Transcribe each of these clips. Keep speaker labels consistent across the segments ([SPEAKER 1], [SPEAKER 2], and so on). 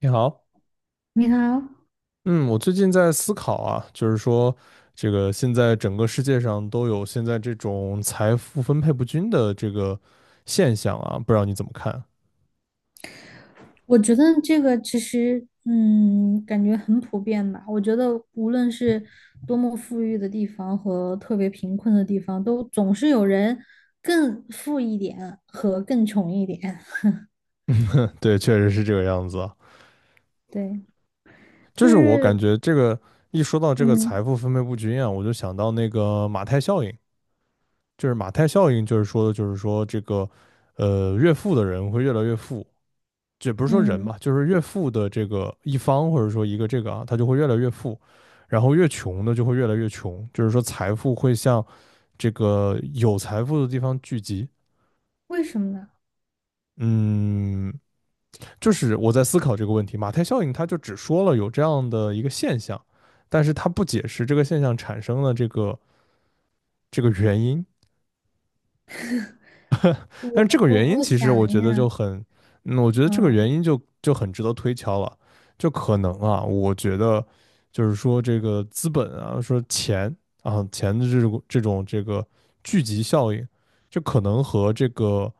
[SPEAKER 1] 你好，
[SPEAKER 2] 你好，
[SPEAKER 1] 嗯，我最近在思考啊，就是说，这个现在整个世界上都有现在这种财富分配不均的这个现象啊，不知道你怎么看？
[SPEAKER 2] 我觉得这个其实，感觉很普遍吧。我觉得无论是多 么富裕的地方和特别贫困的地方，都总是有人更富一点和更穷一点。
[SPEAKER 1] 对，确实是这个样子啊。
[SPEAKER 2] 对，就
[SPEAKER 1] 就是我
[SPEAKER 2] 是，
[SPEAKER 1] 感觉这个一说到这个
[SPEAKER 2] 嗯
[SPEAKER 1] 财富分配不均啊，我就想到那个马太效应。就是马太效应，就是说的就是说这个越富的人会越来越富，这不是说人嘛，
[SPEAKER 2] 嗯，
[SPEAKER 1] 就是越富的这个一方或者说一个这个啊，他就会越来越富，然后越穷的就会越来越穷，就是说财富会向这个有财富的地方聚集。
[SPEAKER 2] 为什么呢？
[SPEAKER 1] 嗯，就是我在思考这个问题。马太效应，它就只说了有这样的一个现象，但是它不解释这个现象产生的这个原因。但
[SPEAKER 2] 我
[SPEAKER 1] 是这个
[SPEAKER 2] 我
[SPEAKER 1] 原因
[SPEAKER 2] 我
[SPEAKER 1] 其实我
[SPEAKER 2] 想
[SPEAKER 1] 觉
[SPEAKER 2] 一
[SPEAKER 1] 得
[SPEAKER 2] 下，
[SPEAKER 1] 就很，我觉得这个原
[SPEAKER 2] 嗯。
[SPEAKER 1] 因就很值得推敲了。就可能啊，我觉得就是说这个资本啊，说钱啊，钱的这种这个聚集效应，就可能和这个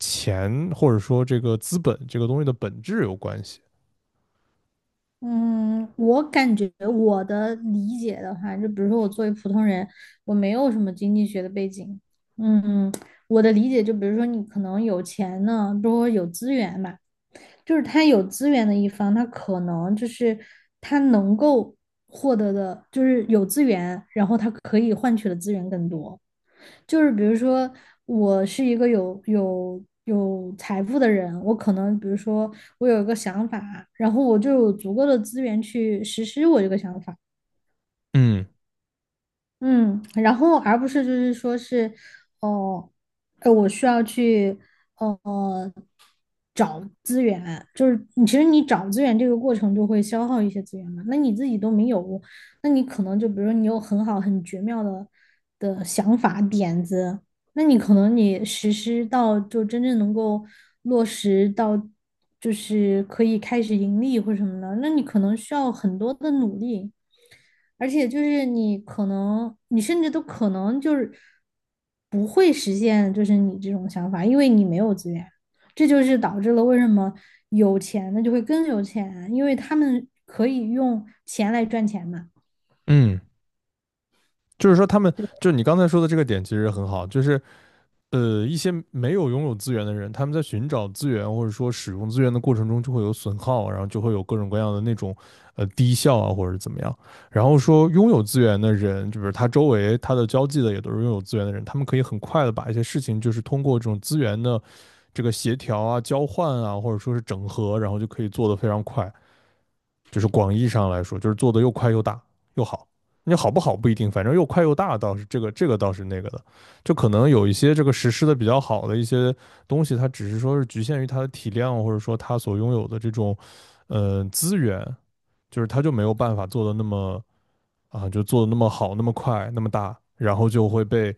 [SPEAKER 1] 钱或者说这个资本这个东西的本质有关系。
[SPEAKER 2] 嗯，我感觉我的理解的话，就比如说我作为普通人，我没有什么经济学的背景。嗯，我的理解就比如说你可能有钱呢，比如说有资源吧，就是他有资源的一方，他可能就是他能够获得的，就是有资源，然后他可以换取的资源更多。就是比如说，我是一个有财富的人，我可能比如说我有一个想法，然后我就有足够的资源去实施我这个想法，
[SPEAKER 1] 嗯
[SPEAKER 2] 嗯，然后而不是就是说是，哦、我需要去，呃，找资源，就是你其实你找资源这个过程就会消耗一些资源嘛，那你自己都没有，那你可能就比如说你有很好很绝妙的。那你可能你实施到就真正能够落实到，就是可以开始盈利或什么的，那你可能需要很多的努力，而且就是你可能你甚至都可能就是不会实现就是你这种想法，因为你没有资源，这就是导致了为什么有钱的就会更有钱，因为他们可以用钱来赚钱嘛。
[SPEAKER 1] 嗯，就是说他们，就你刚才说的这个点其实很好，就是一些没有拥有资源的人，他们在寻找资源或者说使用资源的过程中，就会有损耗，然后就会有各种各样的那种低效啊，或者怎么样。然后说拥有资源的人，就是他周围他的交际的也都是拥有资源的人，他们可以很快的把一些事情，就是通过这种资源的这个协调啊、交换啊，或者说是整合，然后就可以做得非常快。就是广义上来说，就是做的又快又大又好。你好不好不一定，反正又快又大倒是这个倒是那个的，就可能有一些这个实施的比较好的一些东西，它只是说是局限于它的体量，或者说它所拥有的这种资源，就是它就没有办法做的那么啊，就做的那么好、那么快、那么大，然后就会被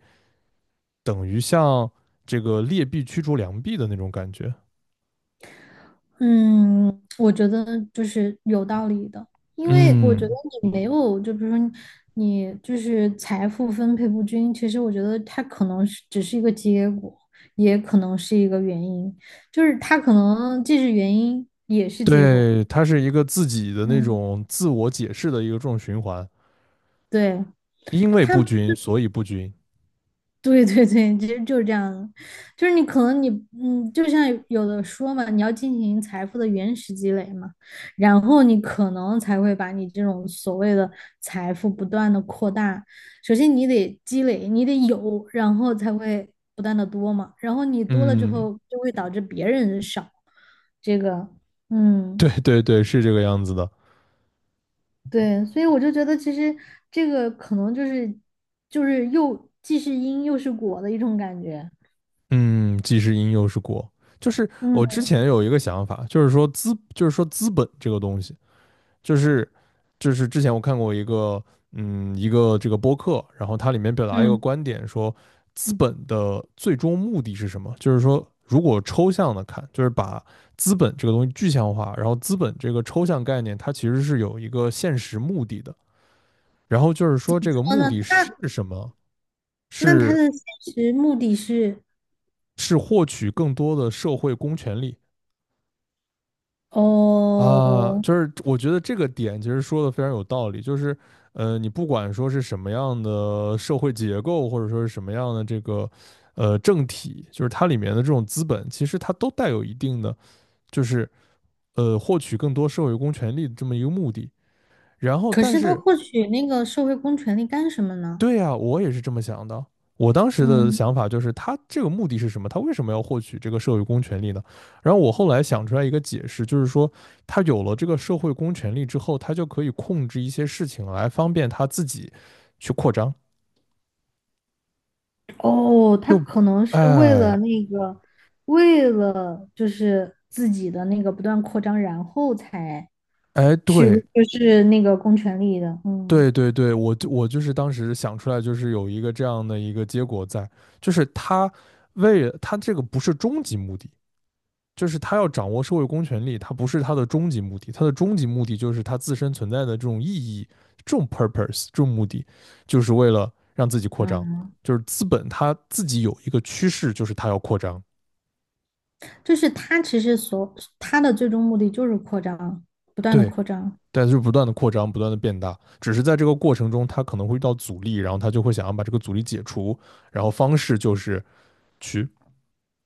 [SPEAKER 1] 等于像这个劣币驱逐良币的那种感觉。
[SPEAKER 2] 嗯，我觉得就是有道理的，因为我觉得
[SPEAKER 1] 嗯，
[SPEAKER 2] 你没有，就比如说你就是财富分配不均，其实我觉得它可能是只是一个结果，也可能是一个原因，就是它可能既是原因也是结果。
[SPEAKER 1] 对，它是一个自己的那
[SPEAKER 2] 嗯，
[SPEAKER 1] 种自我解释的一个这种循环。
[SPEAKER 2] 对，
[SPEAKER 1] 因为
[SPEAKER 2] 它。
[SPEAKER 1] 不均，所以不均。
[SPEAKER 2] 对对对，其实就是这样的，就是你可能你就像有的说嘛，你要进行财富的原始积累嘛，然后你可能才会把你这种所谓的财富不断的扩大。首先你得积累，你得有，然后才会不断的多嘛。然后你多了之
[SPEAKER 1] 嗯，
[SPEAKER 2] 后，就会导致别人少。这个，
[SPEAKER 1] 对
[SPEAKER 2] 嗯，
[SPEAKER 1] 对对，是这个样子的。
[SPEAKER 2] 对，所以我就觉得其实这个可能就是又既是因又是果的一种感觉。
[SPEAKER 1] 嗯，既是因又是果，就是我之
[SPEAKER 2] 嗯
[SPEAKER 1] 前有一个想法，就是说资本这个东西，就是就是之前我看过一个一个这个播客，然后它里面表达一个
[SPEAKER 2] 嗯。
[SPEAKER 1] 观点说，资本的最终目的是什么？就是说，如果抽象的看，就是把资本这个东西具象化，然后资本这个抽象概念，它其实是有一个现实目的的。然后就是说，这个
[SPEAKER 2] 哦，
[SPEAKER 1] 目
[SPEAKER 2] 那
[SPEAKER 1] 的是
[SPEAKER 2] 他
[SPEAKER 1] 什么？
[SPEAKER 2] 那他
[SPEAKER 1] 是
[SPEAKER 2] 的现实目的是
[SPEAKER 1] 是获取更多的社会公权力啊，
[SPEAKER 2] 哦，
[SPEAKER 1] 就是我觉得这个点其实说的非常有道理，就是你不管说是什么样的社会结构，或者说是什么样的这个政体，就是它里面的这种资本，其实它都带有一定的就是获取更多社会公权力的这么一个目的。然后，
[SPEAKER 2] 可
[SPEAKER 1] 但
[SPEAKER 2] 是他
[SPEAKER 1] 是
[SPEAKER 2] 获取那个社会公权力干什么呢？
[SPEAKER 1] 对呀，我也是这么想的。我当时的
[SPEAKER 2] 嗯，
[SPEAKER 1] 想法就是，他这个目的是什么？他为什么要获取这个社会公权力呢？然后我后来想出来一个解释，就是说，他有了这个社会公权力之后，他就可以控制一些事情来方便他自己去扩张。
[SPEAKER 2] 哦，他
[SPEAKER 1] 就，
[SPEAKER 2] 可能是为了
[SPEAKER 1] 哎
[SPEAKER 2] 那个，为了就是自己的那个不断扩张，然后才
[SPEAKER 1] 哎，
[SPEAKER 2] 去
[SPEAKER 1] 对
[SPEAKER 2] 就是那个公权力的，
[SPEAKER 1] 对对对，我就是当时想出来，就是有一个这样的一个结果在，就是他为了他这个不是终极目的，就是他要掌握社会公权力，他不是他的终极目的，他的终极目的就是他自身存在的这种意义、这种 purpose、这种目的，就是为了让自己扩张。
[SPEAKER 2] 嗯，
[SPEAKER 1] 就是资本它自己有一个趋势，就是它要扩张，
[SPEAKER 2] 就是他其实所他的最终目的就是扩张，不断的
[SPEAKER 1] 对，
[SPEAKER 2] 扩张。
[SPEAKER 1] 但是不断的扩张，不断的变大，只是在这个过程中，他可能会遇到阻力，然后他就会想要把这个阻力解除，然后方式就是去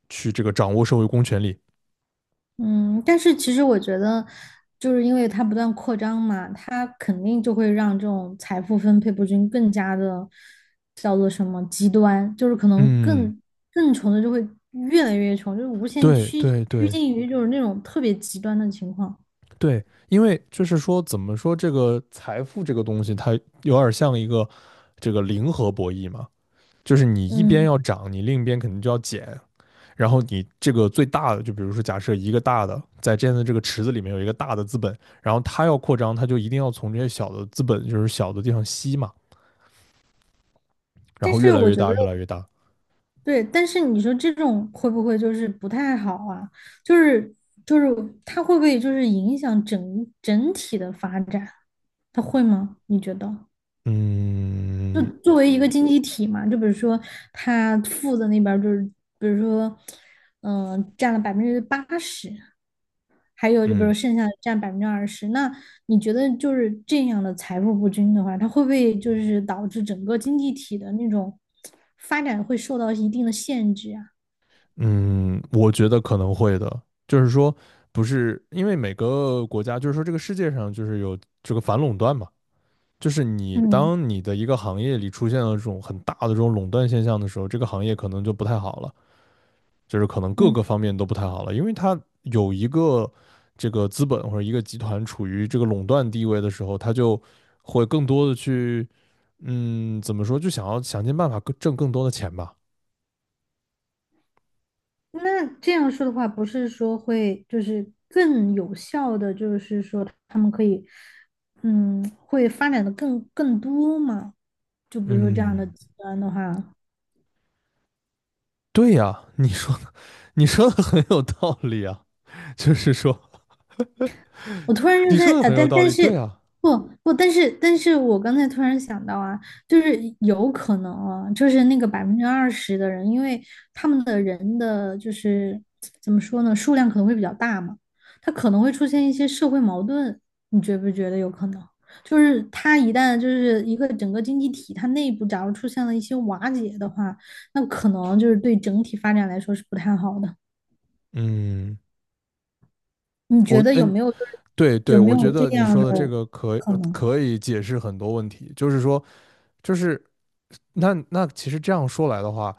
[SPEAKER 1] 去这个掌握社会公权力。
[SPEAKER 2] 嗯，但是其实我觉得，就是因为它不断扩张嘛，它肯定就会让这种财富分配不均更加的叫做什么极端，就是可能
[SPEAKER 1] 嗯，
[SPEAKER 2] 更穷的就会越来越穷，就是无限
[SPEAKER 1] 对
[SPEAKER 2] 趋
[SPEAKER 1] 对
[SPEAKER 2] 趋
[SPEAKER 1] 对，
[SPEAKER 2] 近于就是那种特别极端的情况。
[SPEAKER 1] 对，因为就是说，怎么说这个财富这个东西，它有点像一个这个零和博弈嘛，就是你一边
[SPEAKER 2] 嗯，
[SPEAKER 1] 要涨，你另一边肯定就要减，然后你这个最大的，就比如说假设一个大的在这样的这个池子里面有一个大的资本，然后它要扩张，它就一定要从这些小的资本，就是小的地方吸嘛，然
[SPEAKER 2] 但
[SPEAKER 1] 后越
[SPEAKER 2] 是
[SPEAKER 1] 来
[SPEAKER 2] 我
[SPEAKER 1] 越
[SPEAKER 2] 觉得
[SPEAKER 1] 大，越来越大。
[SPEAKER 2] 对，但是你说这种会不会就是不太好啊？就是就是它会不会就是影响整体的发展？它会吗？你觉得？就
[SPEAKER 1] 嗯
[SPEAKER 2] 作为一个经济体嘛，就比如说他负的那边儿就是，比如说，占了80%，还有就比如
[SPEAKER 1] 嗯
[SPEAKER 2] 剩下的占百分之二十。那你觉得就是这样的财富不均的话，它会不会就是导致整个经济体的那种发展会受到一定的限制啊？
[SPEAKER 1] 嗯，我觉得可能会的，就是说，不是因为每个国家，就是说这个世界上就是有这个反垄断嘛，就是你
[SPEAKER 2] 嗯
[SPEAKER 1] 当你的一个行业里出现了这种很大的这种垄断现象的时候，这个行业可能就不太好了，就是可能各
[SPEAKER 2] 嗯，
[SPEAKER 1] 个方面都不太好了，因为它有一个这个资本或者一个集团处于这个垄断地位的时候，它就会更多的去，怎么说，就想要想尽办法更挣更多的钱吧，
[SPEAKER 2] 那这样说的话，不是说会就是更有效的，就是说他们可以，会发展的更多吗？就比如说这样的
[SPEAKER 1] 嗯。
[SPEAKER 2] 极端的话，
[SPEAKER 1] 对呀，你说的很有道理啊，就是说
[SPEAKER 2] 我突然就
[SPEAKER 1] 你
[SPEAKER 2] 在
[SPEAKER 1] 说的很有
[SPEAKER 2] 但
[SPEAKER 1] 道
[SPEAKER 2] 但
[SPEAKER 1] 理，
[SPEAKER 2] 是
[SPEAKER 1] 对啊，
[SPEAKER 2] 不不，但是我刚才突然想到啊，就是有可能啊，就是那个百分之二十的人，因为他们的人的就是怎么说呢，数量可能会比较大嘛，他可能会出现一些社会矛盾，你觉不觉得有可能？就是他一旦就是一个整个经济体，它内部假如出现了一些瓦解的话，那可能就是对整体发展来说是不太好的。
[SPEAKER 1] 嗯，
[SPEAKER 2] 你觉
[SPEAKER 1] 我
[SPEAKER 2] 得有
[SPEAKER 1] 嗯，
[SPEAKER 2] 没有就是
[SPEAKER 1] 对
[SPEAKER 2] 有
[SPEAKER 1] 对，
[SPEAKER 2] 没
[SPEAKER 1] 我觉
[SPEAKER 2] 有这
[SPEAKER 1] 得你
[SPEAKER 2] 样
[SPEAKER 1] 说
[SPEAKER 2] 的
[SPEAKER 1] 的这个
[SPEAKER 2] 可能
[SPEAKER 1] 可以解释很多问题，就是说，就是那其实这样说来的话，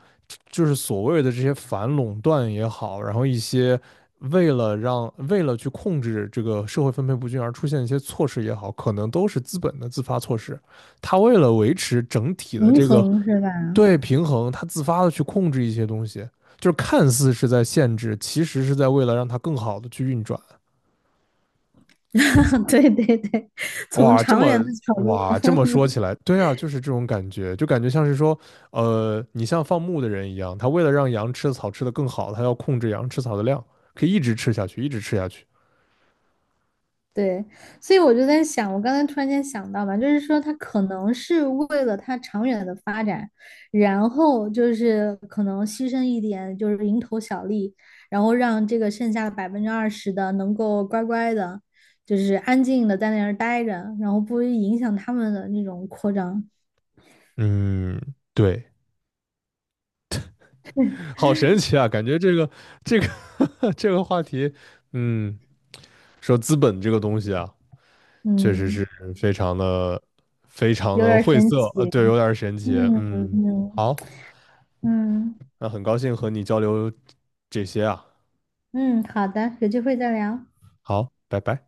[SPEAKER 1] 就是所谓的这些反垄断也好，然后一些为了去控制这个社会分配不均而出现一些措施也好，可能都是资本的自发措施。他为了维持整体的
[SPEAKER 2] 平
[SPEAKER 1] 这个，
[SPEAKER 2] 衡是吧？
[SPEAKER 1] 对，平衡，他自发的去控制一些东西，就是看似是在限制，其实是在为了让它更好的去运转。
[SPEAKER 2] 对对对，从
[SPEAKER 1] 哇，这
[SPEAKER 2] 长远
[SPEAKER 1] 么
[SPEAKER 2] 的角度，
[SPEAKER 1] 哇，这么说 起来，对啊，就是这种感觉，就感觉像是说，你像放牧的人一样，他为了让羊吃的草吃得更好，他要控制羊吃草的量，可以一直吃下去，一直吃下去。
[SPEAKER 2] 对，所以我就在想，我刚才突然间想到吧，就是说他可能是为了他长远的发展，然后就是可能牺牲一点，就是蝇头小利，然后让这个剩下百分之二十的能够乖乖的，就是安静的在那儿待着，然后不影响他们的那种扩张，
[SPEAKER 1] 嗯，对，好神奇啊，感觉这个这个话题，嗯，说资本这个东西啊，确实
[SPEAKER 2] 嗯。
[SPEAKER 1] 是非常的非常
[SPEAKER 2] 有点
[SPEAKER 1] 的
[SPEAKER 2] 儿
[SPEAKER 1] 晦
[SPEAKER 2] 神
[SPEAKER 1] 涩，
[SPEAKER 2] 奇。
[SPEAKER 1] 对，有点神奇。
[SPEAKER 2] 嗯
[SPEAKER 1] 嗯，
[SPEAKER 2] 嗯
[SPEAKER 1] 好，
[SPEAKER 2] 嗯
[SPEAKER 1] 那很高兴和你交流这些啊，
[SPEAKER 2] 嗯，好的，有机会再聊。
[SPEAKER 1] 好，拜拜。